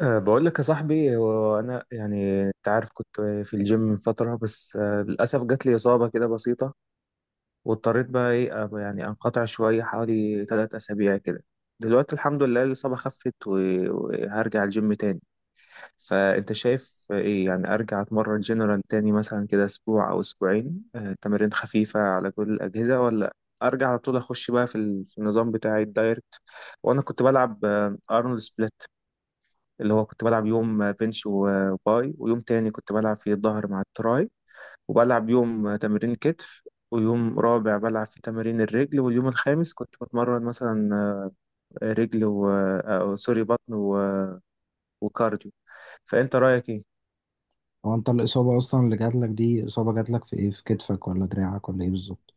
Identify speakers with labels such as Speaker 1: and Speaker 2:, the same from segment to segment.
Speaker 1: بقول لك يا صاحبي، هو انا يعني انت عارف كنت في الجيم من فتره، بس للاسف جات لي اصابه كده بسيطه، واضطريت بقى يعني انقطع شويه حوالي 3 اسابيع كده. دلوقتي الحمد لله الاصابه خفت وهرجع الجيم تاني. فانت شايف ايه؟ يعني ارجع اتمرن جنرال تاني مثلا كده اسبوع او اسبوعين، تمارين خفيفه على كل الاجهزه، ولا ارجع على طول اخش بقى في النظام بتاعي الدايركت. وانا كنت بلعب ارنولد سبليت، اللي هو كنت بلعب يوم بنش وباي، ويوم تاني كنت بلعب فيه الظهر مع التراي، وبلعب يوم تمرين كتف، ويوم رابع بلعب في تمارين الرجل، واليوم الخامس كنت بتمرن مثلا رجل و سوري بطن وكارديو. فأنت رأيك إيه؟
Speaker 2: هو انت الإصابة أصلا اللي جاتلك دي إصابة جاتلك في إيه؟ في كتفك ولا دراعك ولا إيه بالظبط؟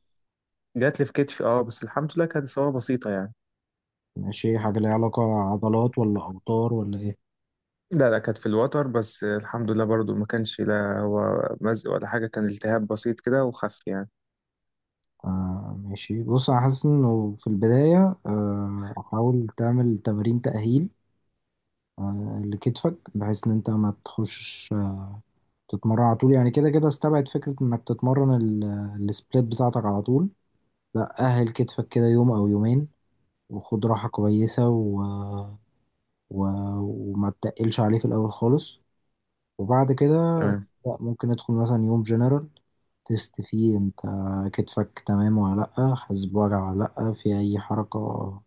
Speaker 1: جات لي في كتفي، اه، بس الحمد لله كانت إصابة بسيطة يعني.
Speaker 2: ماشي، حاجة ليها علاقة عضلات ولا أوتار ولا إيه؟
Speaker 1: لا لا، كانت في الوتر، بس الحمد لله برضو ما كانش لا هو مزق ولا حاجة، كان التهاب بسيط كده وخف يعني.
Speaker 2: آه، ماشي، بص، أنا حاسس إنه في البداية حاول تعمل تمارين تأهيل لكتفك بحيث إن أنت ما تخشش، تتمرن على طول. يعني كده كده استبعد فكرة إنك تتمرن السبليت بتاعتك على طول. لا، أهل كتفك كده يوم أو يومين، وخد راحة كويسة و... وما تتقلش عليه في الأول خالص، وبعد كده
Speaker 1: تمام.
Speaker 2: لا ممكن ندخل مثلا يوم جنرال تيست فيه انت كتفك تمام ولا لأ، حاسس بوجع ولا لأ في أي حركة،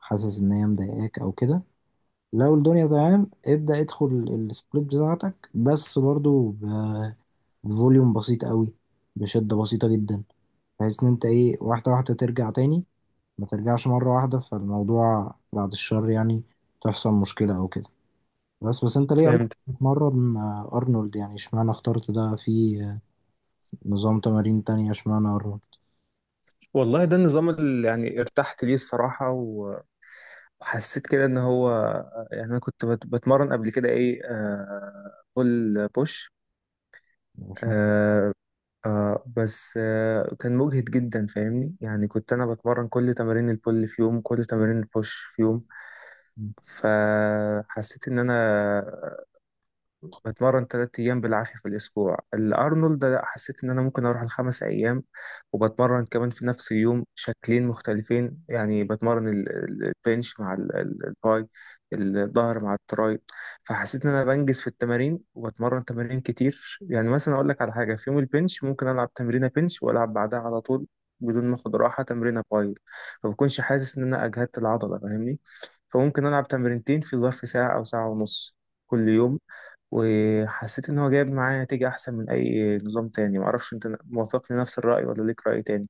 Speaker 2: حاسس إن هي مضايقاك أو كده. لو الدنيا تمام ابدأ ادخل السبليت بتاعتك، بس برضو بفوليوم بسيط قوي، بشدة بسيطة جدا، بحيث إن انت ايه واحدة واحدة ترجع تاني، ما ترجعش مرة واحدة فالموضوع بعد الشر يعني تحصل مشكلة أو كده. بس انت ليه أصلا
Speaker 1: فهمت.
Speaker 2: بتتمرن أرنولد؟ يعني اشمعنى اخترت ده في نظام تمارين تانية؟ اشمعنى ارنولد؟
Speaker 1: والله ده النظام اللي يعني ارتحت ليه الصراحة، وحسيت كده ان هو، يعني انا كنت بتمرن قبل كده ايه، آه، بول بوش.
Speaker 2: ماشي.
Speaker 1: آه. آه بس آه كان مجهد جدا، فاهمني؟ يعني كنت انا بتمرن كل تمارين البول في يوم، كل تمارين البوش في يوم. فحسيت ان انا بتمرن 3 أيام بالعافية في الأسبوع. الأرنولد لا، حسيت إن أنا ممكن أروح الـ 5 أيام، وبتمرن كمان في نفس اليوم شكلين مختلفين، يعني بتمرن البنش مع الباي، الظهر مع التراي. فحسيت إن أنا بنجز في التمارين، وبتمرن تمارين كتير. يعني مثلا أقول لك على حاجة، في يوم البنش ممكن ألعب تمرينة بنش وألعب بعدها على طول بدون ما اخد راحة تمرينة باي، فبكونش حاسس إن أنا أجهدت العضلة، فاهمني؟ فممكن ألعب تمرينتين في ظرف ساعة أو ساعة ونص كل يوم. وحسيت إن هو جايب معاه نتيجة أحسن من أي نظام تاني. معرفش أنت موافقني نفس الرأي ولا ليك رأي تاني.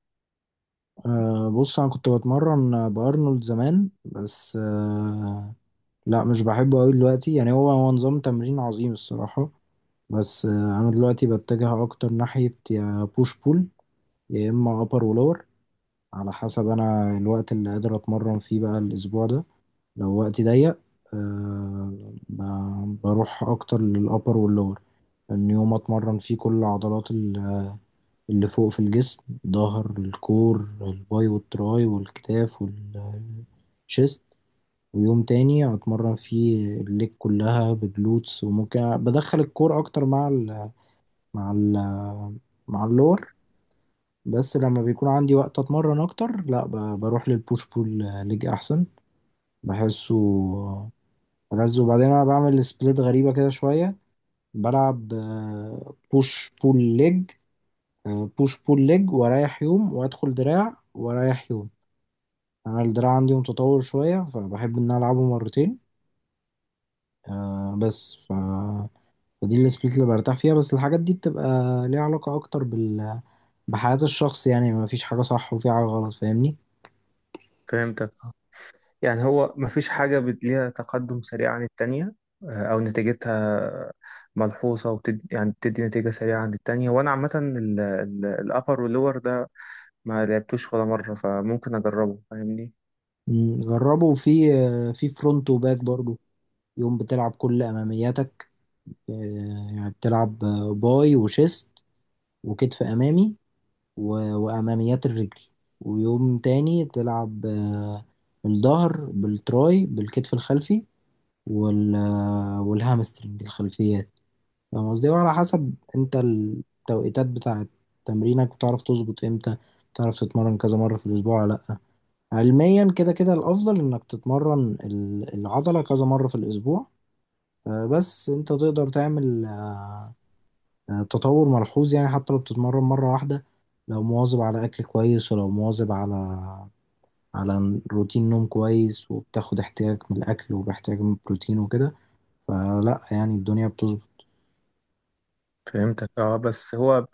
Speaker 2: أه، بص، انا كنت بتمرن بارنولد زمان، بس لا مش بحبه قوي دلوقتي. يعني هو هو نظام تمرين عظيم الصراحة، بس انا دلوقتي بتجه اكتر ناحية يا بوش بول، يا اما ابر ولور، على حسب انا الوقت اللي قادر اتمرن فيه بقى الاسبوع ده. لو وقتي ضيق، أه بروح اكتر للابر واللور، ان يوم اتمرن فيه كل عضلات اللي فوق في الجسم، ظهر الكور الباي والتراي والكتاف والشيست، ويوم تاني هتمرن فيه الليج كلها بجلوتس، وممكن بدخل الكور اكتر مع ال مع ال مع اللور. بس لما بيكون عندي وقت اتمرن اكتر، لا بروح للبوش بول ليج احسن، بحسه ألذ. وبعدين انا بعمل سبليت غريبة كده شوية: بلعب بوش بول ليج بوش بول ليج، واريح يوم وادخل دراع واريح يوم. يعني انا الدراع عندي متطور شويه فبحب ان أنا العبه مرتين، بس فدي السبليت اللي برتاح فيها. بس الحاجات دي بتبقى ليها علاقه اكتر بحياه الشخص، يعني ما فيش حاجه صح وفي حاجه غلط، فاهمني.
Speaker 1: فهمتك آه. يعني هو مفيش حاجة ليها تقدم سريع عن التانية، آه، أو نتيجتها ملحوظة يعني بتدي نتيجة سريعة عن التانية؟ وأنا عامة الأبر واللور ده ما لعبتوش ولا مرة، فممكن أجربه، فاهمني.
Speaker 2: جربه في فرونت وباك برضو. يوم بتلعب كل امامياتك آه، يعني بتلعب، باي وشيست وكتف امامي و- وأماميات الرجل. ويوم تاني تلعب، الظهر بالتراي بالكتف الخلفي وال آه، والهامسترنج الخلفيات. فاهم قصدي، وعلى حسب انت التوقيتات بتاعة تمرينك بتعرف تظبط امتى، بتعرف تتمرن كذا مرة في الأسبوع ولا لأ. علميا كده كده الأفضل إنك تتمرن العضلة كذا مرة في الأسبوع. بس انت تقدر تعمل، يعني التطور ملحوظ، يعني حتى لو بتتمرن مرة واحدة، لو مواظب على أكل كويس، ولو مواظب على روتين نوم كويس، وبتاخد احتياج من الأكل وباحتياج من البروتين وكده، فلا يعني الدنيا بتظبط.
Speaker 1: فهمتك اه. بس هو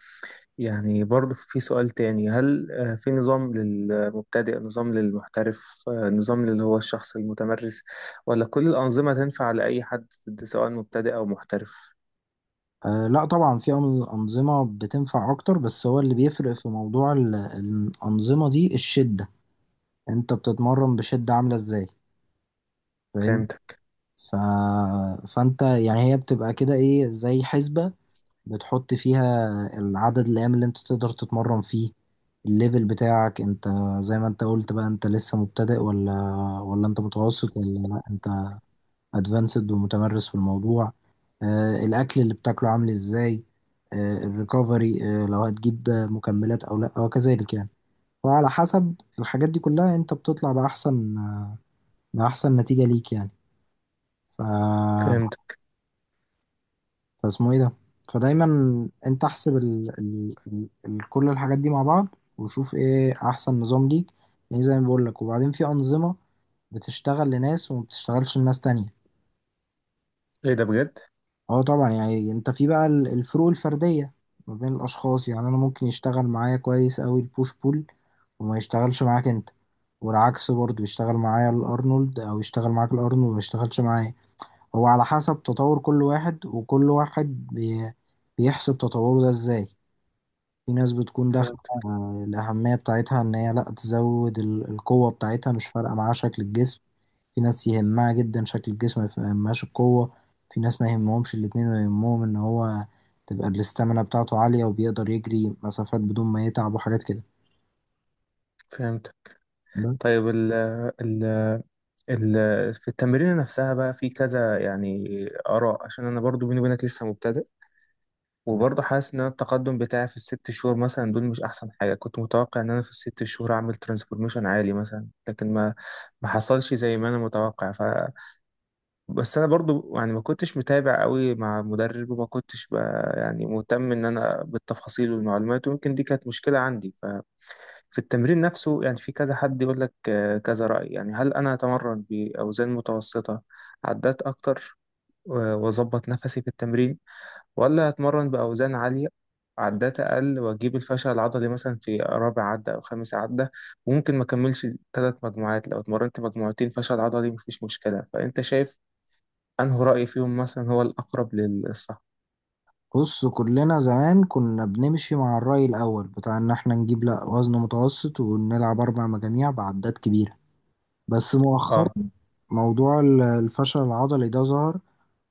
Speaker 1: يعني برضه في سؤال تاني، هل آه، في نظام للمبتدئ، نظام للمحترف، آه، نظام اللي هو الشخص المتمرس، ولا كل الأنظمة تنفع لأي حد سواء مبتدئ أو محترف؟
Speaker 2: أه، لا طبعا في أنظمة بتنفع أكتر، بس هو اللي بيفرق في موضوع الأنظمة دي الشدة. أنت بتتمرن بشدة عاملة إزاي؟ فاهمني؟
Speaker 1: فهمتك.
Speaker 2: ف... فأنت يعني هي بتبقى كده إيه زي حسبة، بتحط فيها العدد الأيام اللي انت تقدر تتمرن فيه، الليفل بتاعك انت، زي ما انت قلت بقى انت لسه مبتدئ ولا انت متوسط، ولا لا انت ادفانسد ومتمرس في الموضوع؟ الاكل اللي بتاكله عامل ازاي، الريكفري، لو هتجيب مكملات او لا، وكذلك يعني. وعلى حسب الحاجات دي كلها انت بتطلع بأحسن نتيجة ليك يعني. ف
Speaker 1: فهمتك.
Speaker 2: فاسمه ايه ده. فدايما انت احسب كل الحاجات دي مع بعض، وشوف ايه احسن نظام ليك. يعني زي ما بقول لك، وبعدين في انظمه بتشتغل لناس وما بتشتغلش لناس تانية.
Speaker 1: إيه ده بجد.
Speaker 2: اه طبعا، يعني انت في بقى الفروق الفرديه ما بين الاشخاص. يعني انا ممكن يشتغل معايا كويس قوي البوش بول وما يشتغلش معاك انت، والعكس برضه، يشتغل معايا الارنولد او يشتغل معاك الارنولد وما يشتغلش معايا. هو على حسب تطور كل واحد، وكل واحد بيحسب تطوره ده ازاي. في ناس بتكون داخلة
Speaker 1: فهمتك.
Speaker 2: آه، الأهمية بتاعتها إن هي لأ تزود القوة بتاعتها، مش فارقة معاها شكل الجسم. في ناس يهمها جدا شكل الجسم، ما يهمهاش القوة. في ناس ما يهمهمش الاتنين، ويهمهم إن هو تبقى الاستامينا بتاعته عالية، وبيقدر يجري مسافات بدون ما يتعب وحاجات كده.
Speaker 1: فهمتك.
Speaker 2: بس.
Speaker 1: طيب، ال ال ال في التمرين نفسها بقى في كذا يعني آراء. عشان أنا برضو بيني وبينك لسه مبتدئ، وبرضه حاسس ان أنا التقدم بتاعي في الـ 6 شهور مثلا دول مش احسن حاجه. كنت متوقع ان انا في الـ 6 شهور اعمل ترانسفورميشن عالي مثلا، لكن ما حصلش زي ما انا متوقع. بس انا برضه يعني ما كنتش متابع قوي مع مدرب، وما كنتش يعني مهتم ان انا بالتفاصيل والمعلومات، ويمكن دي كانت مشكله عندي. ففي التمرين نفسه يعني في كذا حد يقول لك آه، كذا راي. يعني هل انا اتمرن باوزان متوسطه عدات اكتر واظبط نفسي في التمرين، ولا أتمرن بأوزان عالية عدات أقل وأجيب الفشل العضلي مثلا في رابع عدة أو خامس عدة، وممكن ما أكملش 3 مجموعات؟ لو اتمرنت مجموعتين فشل عضلي مفيش مشكلة. فأنت شايف أنه رأي فيهم مثلا هو الأقرب للصح؟
Speaker 2: بص، كلنا زمان كنا بنمشي مع الرأي الأول بتاع إن إحنا نجيب، لأ، وزن متوسط ونلعب 4 مجاميع بعدات كبيرة، بس مؤخرا
Speaker 1: اه.
Speaker 2: موضوع الفشل العضلي ده ظهر،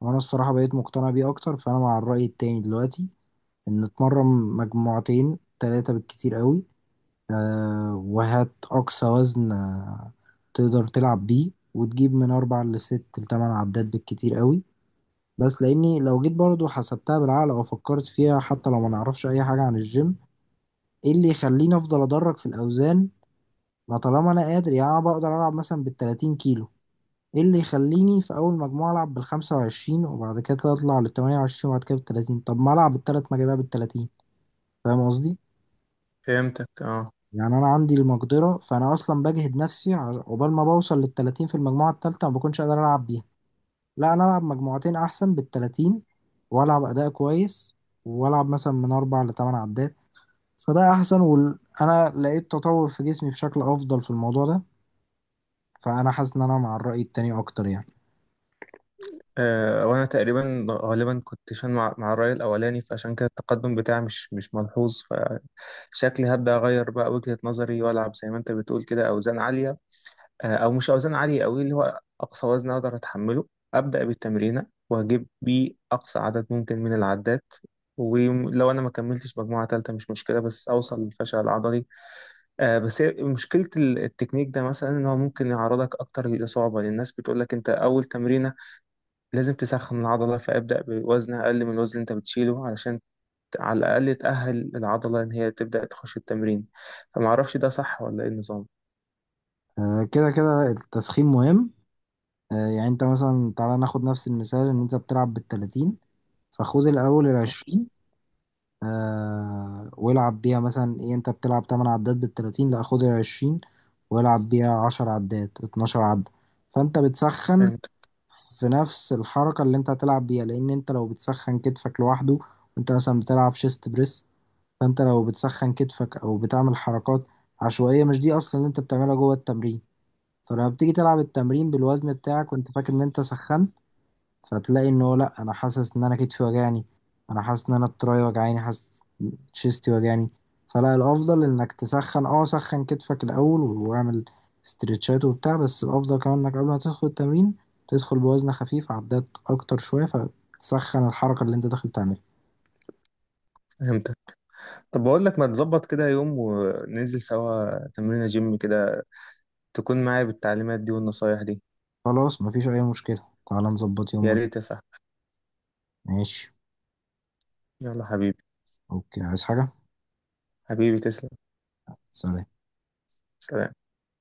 Speaker 2: وانا الصراحة بقيت مقتنع بيه اكتر. فانا مع الرأي التاني دلوقتي، ان اتمرن مجموعتين تلاتة بالكتير قوي. أه، وهات اقصى وزن، تقدر تلعب بيه، وتجيب من 4 لـ6 لـ8 عدات بالكتير قوي. بس لاني لو جيت برضو حسبتها بالعقل او فكرت فيها، حتى لو ما نعرفش اي حاجة عن الجيم، ايه اللي يخليني افضل ادرج في الاوزان؟ ما طالما انا قادر، يعني انا بقدر العب مثلا بـ30 كيلو، ايه اللي يخليني في اول مجموعة العب بـ25 وبعد كده اطلع لـ28 وبعد كده بالتلاتين؟ طب ما العب الـ3 مجاميع بالتلاتين. فاهم قصدي؟
Speaker 1: فهمتك اه.
Speaker 2: يعني انا عندي المقدرة، فانا اصلا بجهد نفسي عقبال ما بوصل للتلاتين في المجموعة التالتة، ما بكونش قادر العب بيها. لا، انا العب مجموعتين احسن بالتلاتين، والعب اداء كويس، والعب مثلا من 4 لـ8 عدات، فده احسن. وانا لقيت تطور في جسمي بشكل افضل في الموضوع ده، فانا حاسس ان انا مع الرأي التاني اكتر يعني.
Speaker 1: آه، وانا تقريبا غالبا كنت شان مع الرأي الأولاني، فعشان كده التقدم بتاعي مش ملحوظ. فشكلي هبدأ أغير بقى وجهة نظري، وألعب زي ما أنت بتقول كده أوزان عالية، آه، او مش اوزان عاليه قوي، اللي هو اقصى وزن اقدر اتحمله ابدا بالتمرينه، واجيب بيه اقصى عدد ممكن من العدات. ولو انا ما كملتش مجموعه ثالثه مش مشكله، بس اوصل للفشل العضلي. آه، بس هي مشكله التكنيك ده مثلا ان هو ممكن يعرضك اكتر للاصابه، لأن الناس بتقول لك انت اول تمرينه لازم تسخن العضله، فابدا بوزن اقل من الوزن اللي انت بتشيله علشان على الاقل تاهل العضله ان هي تبدا تخش التمرين. فما اعرفش ده صح ولا ايه النظام.
Speaker 2: كده كده التسخين مهم. يعني انت مثلا تعالى ناخد نفس المثال: ان انت بتلعب بالتلاتين، فخد الاول العشرين والعب بيها، مثلا ايه، انت بتلعب 8 عدات بالتلاتين، لا خد العشرين والعب بيها 10 عدات 12 عدة، فانت بتسخن
Speaker 1: فهمت.
Speaker 2: في نفس الحركة اللي انت هتلعب بيها. لان انت لو بتسخن كتفك لوحده وانت مثلا بتلعب شيست بريس، فانت لو بتسخن كتفك او بتعمل حركات عشوائية مش دي اصلا اللي انت بتعملها جوه التمرين، فلما بتيجي تلعب التمرين بالوزن بتاعك وانت فاكر ان انت سخنت، فتلاقي ان هو لا، انا حاسس ان انا كتفي وجعني، انا حاسس ان انا التراي وجعاني، حاسس شيستي وجعني. فلا، الافضل انك تسخن، سخن كتفك الاول واعمل استرتشات وبتاع، بس الافضل كمان انك قبل ما تدخل التمرين تدخل بوزن خفيف عدات اكتر شوية فتسخن الحركة اللي انت داخل تعملها.
Speaker 1: فهمت. طب بقول لك، ما تظبط كده يوم، وننزل سوا تمرينة جيم كده، تكون معايا بالتعليمات دي والنصايح دي.
Speaker 2: خلاص، مفيش اي مشكلة. تعالى نظبط يوم
Speaker 1: يا ريت يا صاحبي.
Speaker 2: ماشي.
Speaker 1: يلا حبيبي.
Speaker 2: اوكي. عايز حاجة؟
Speaker 1: حبيبي تسلم.
Speaker 2: سلام.
Speaker 1: سلام.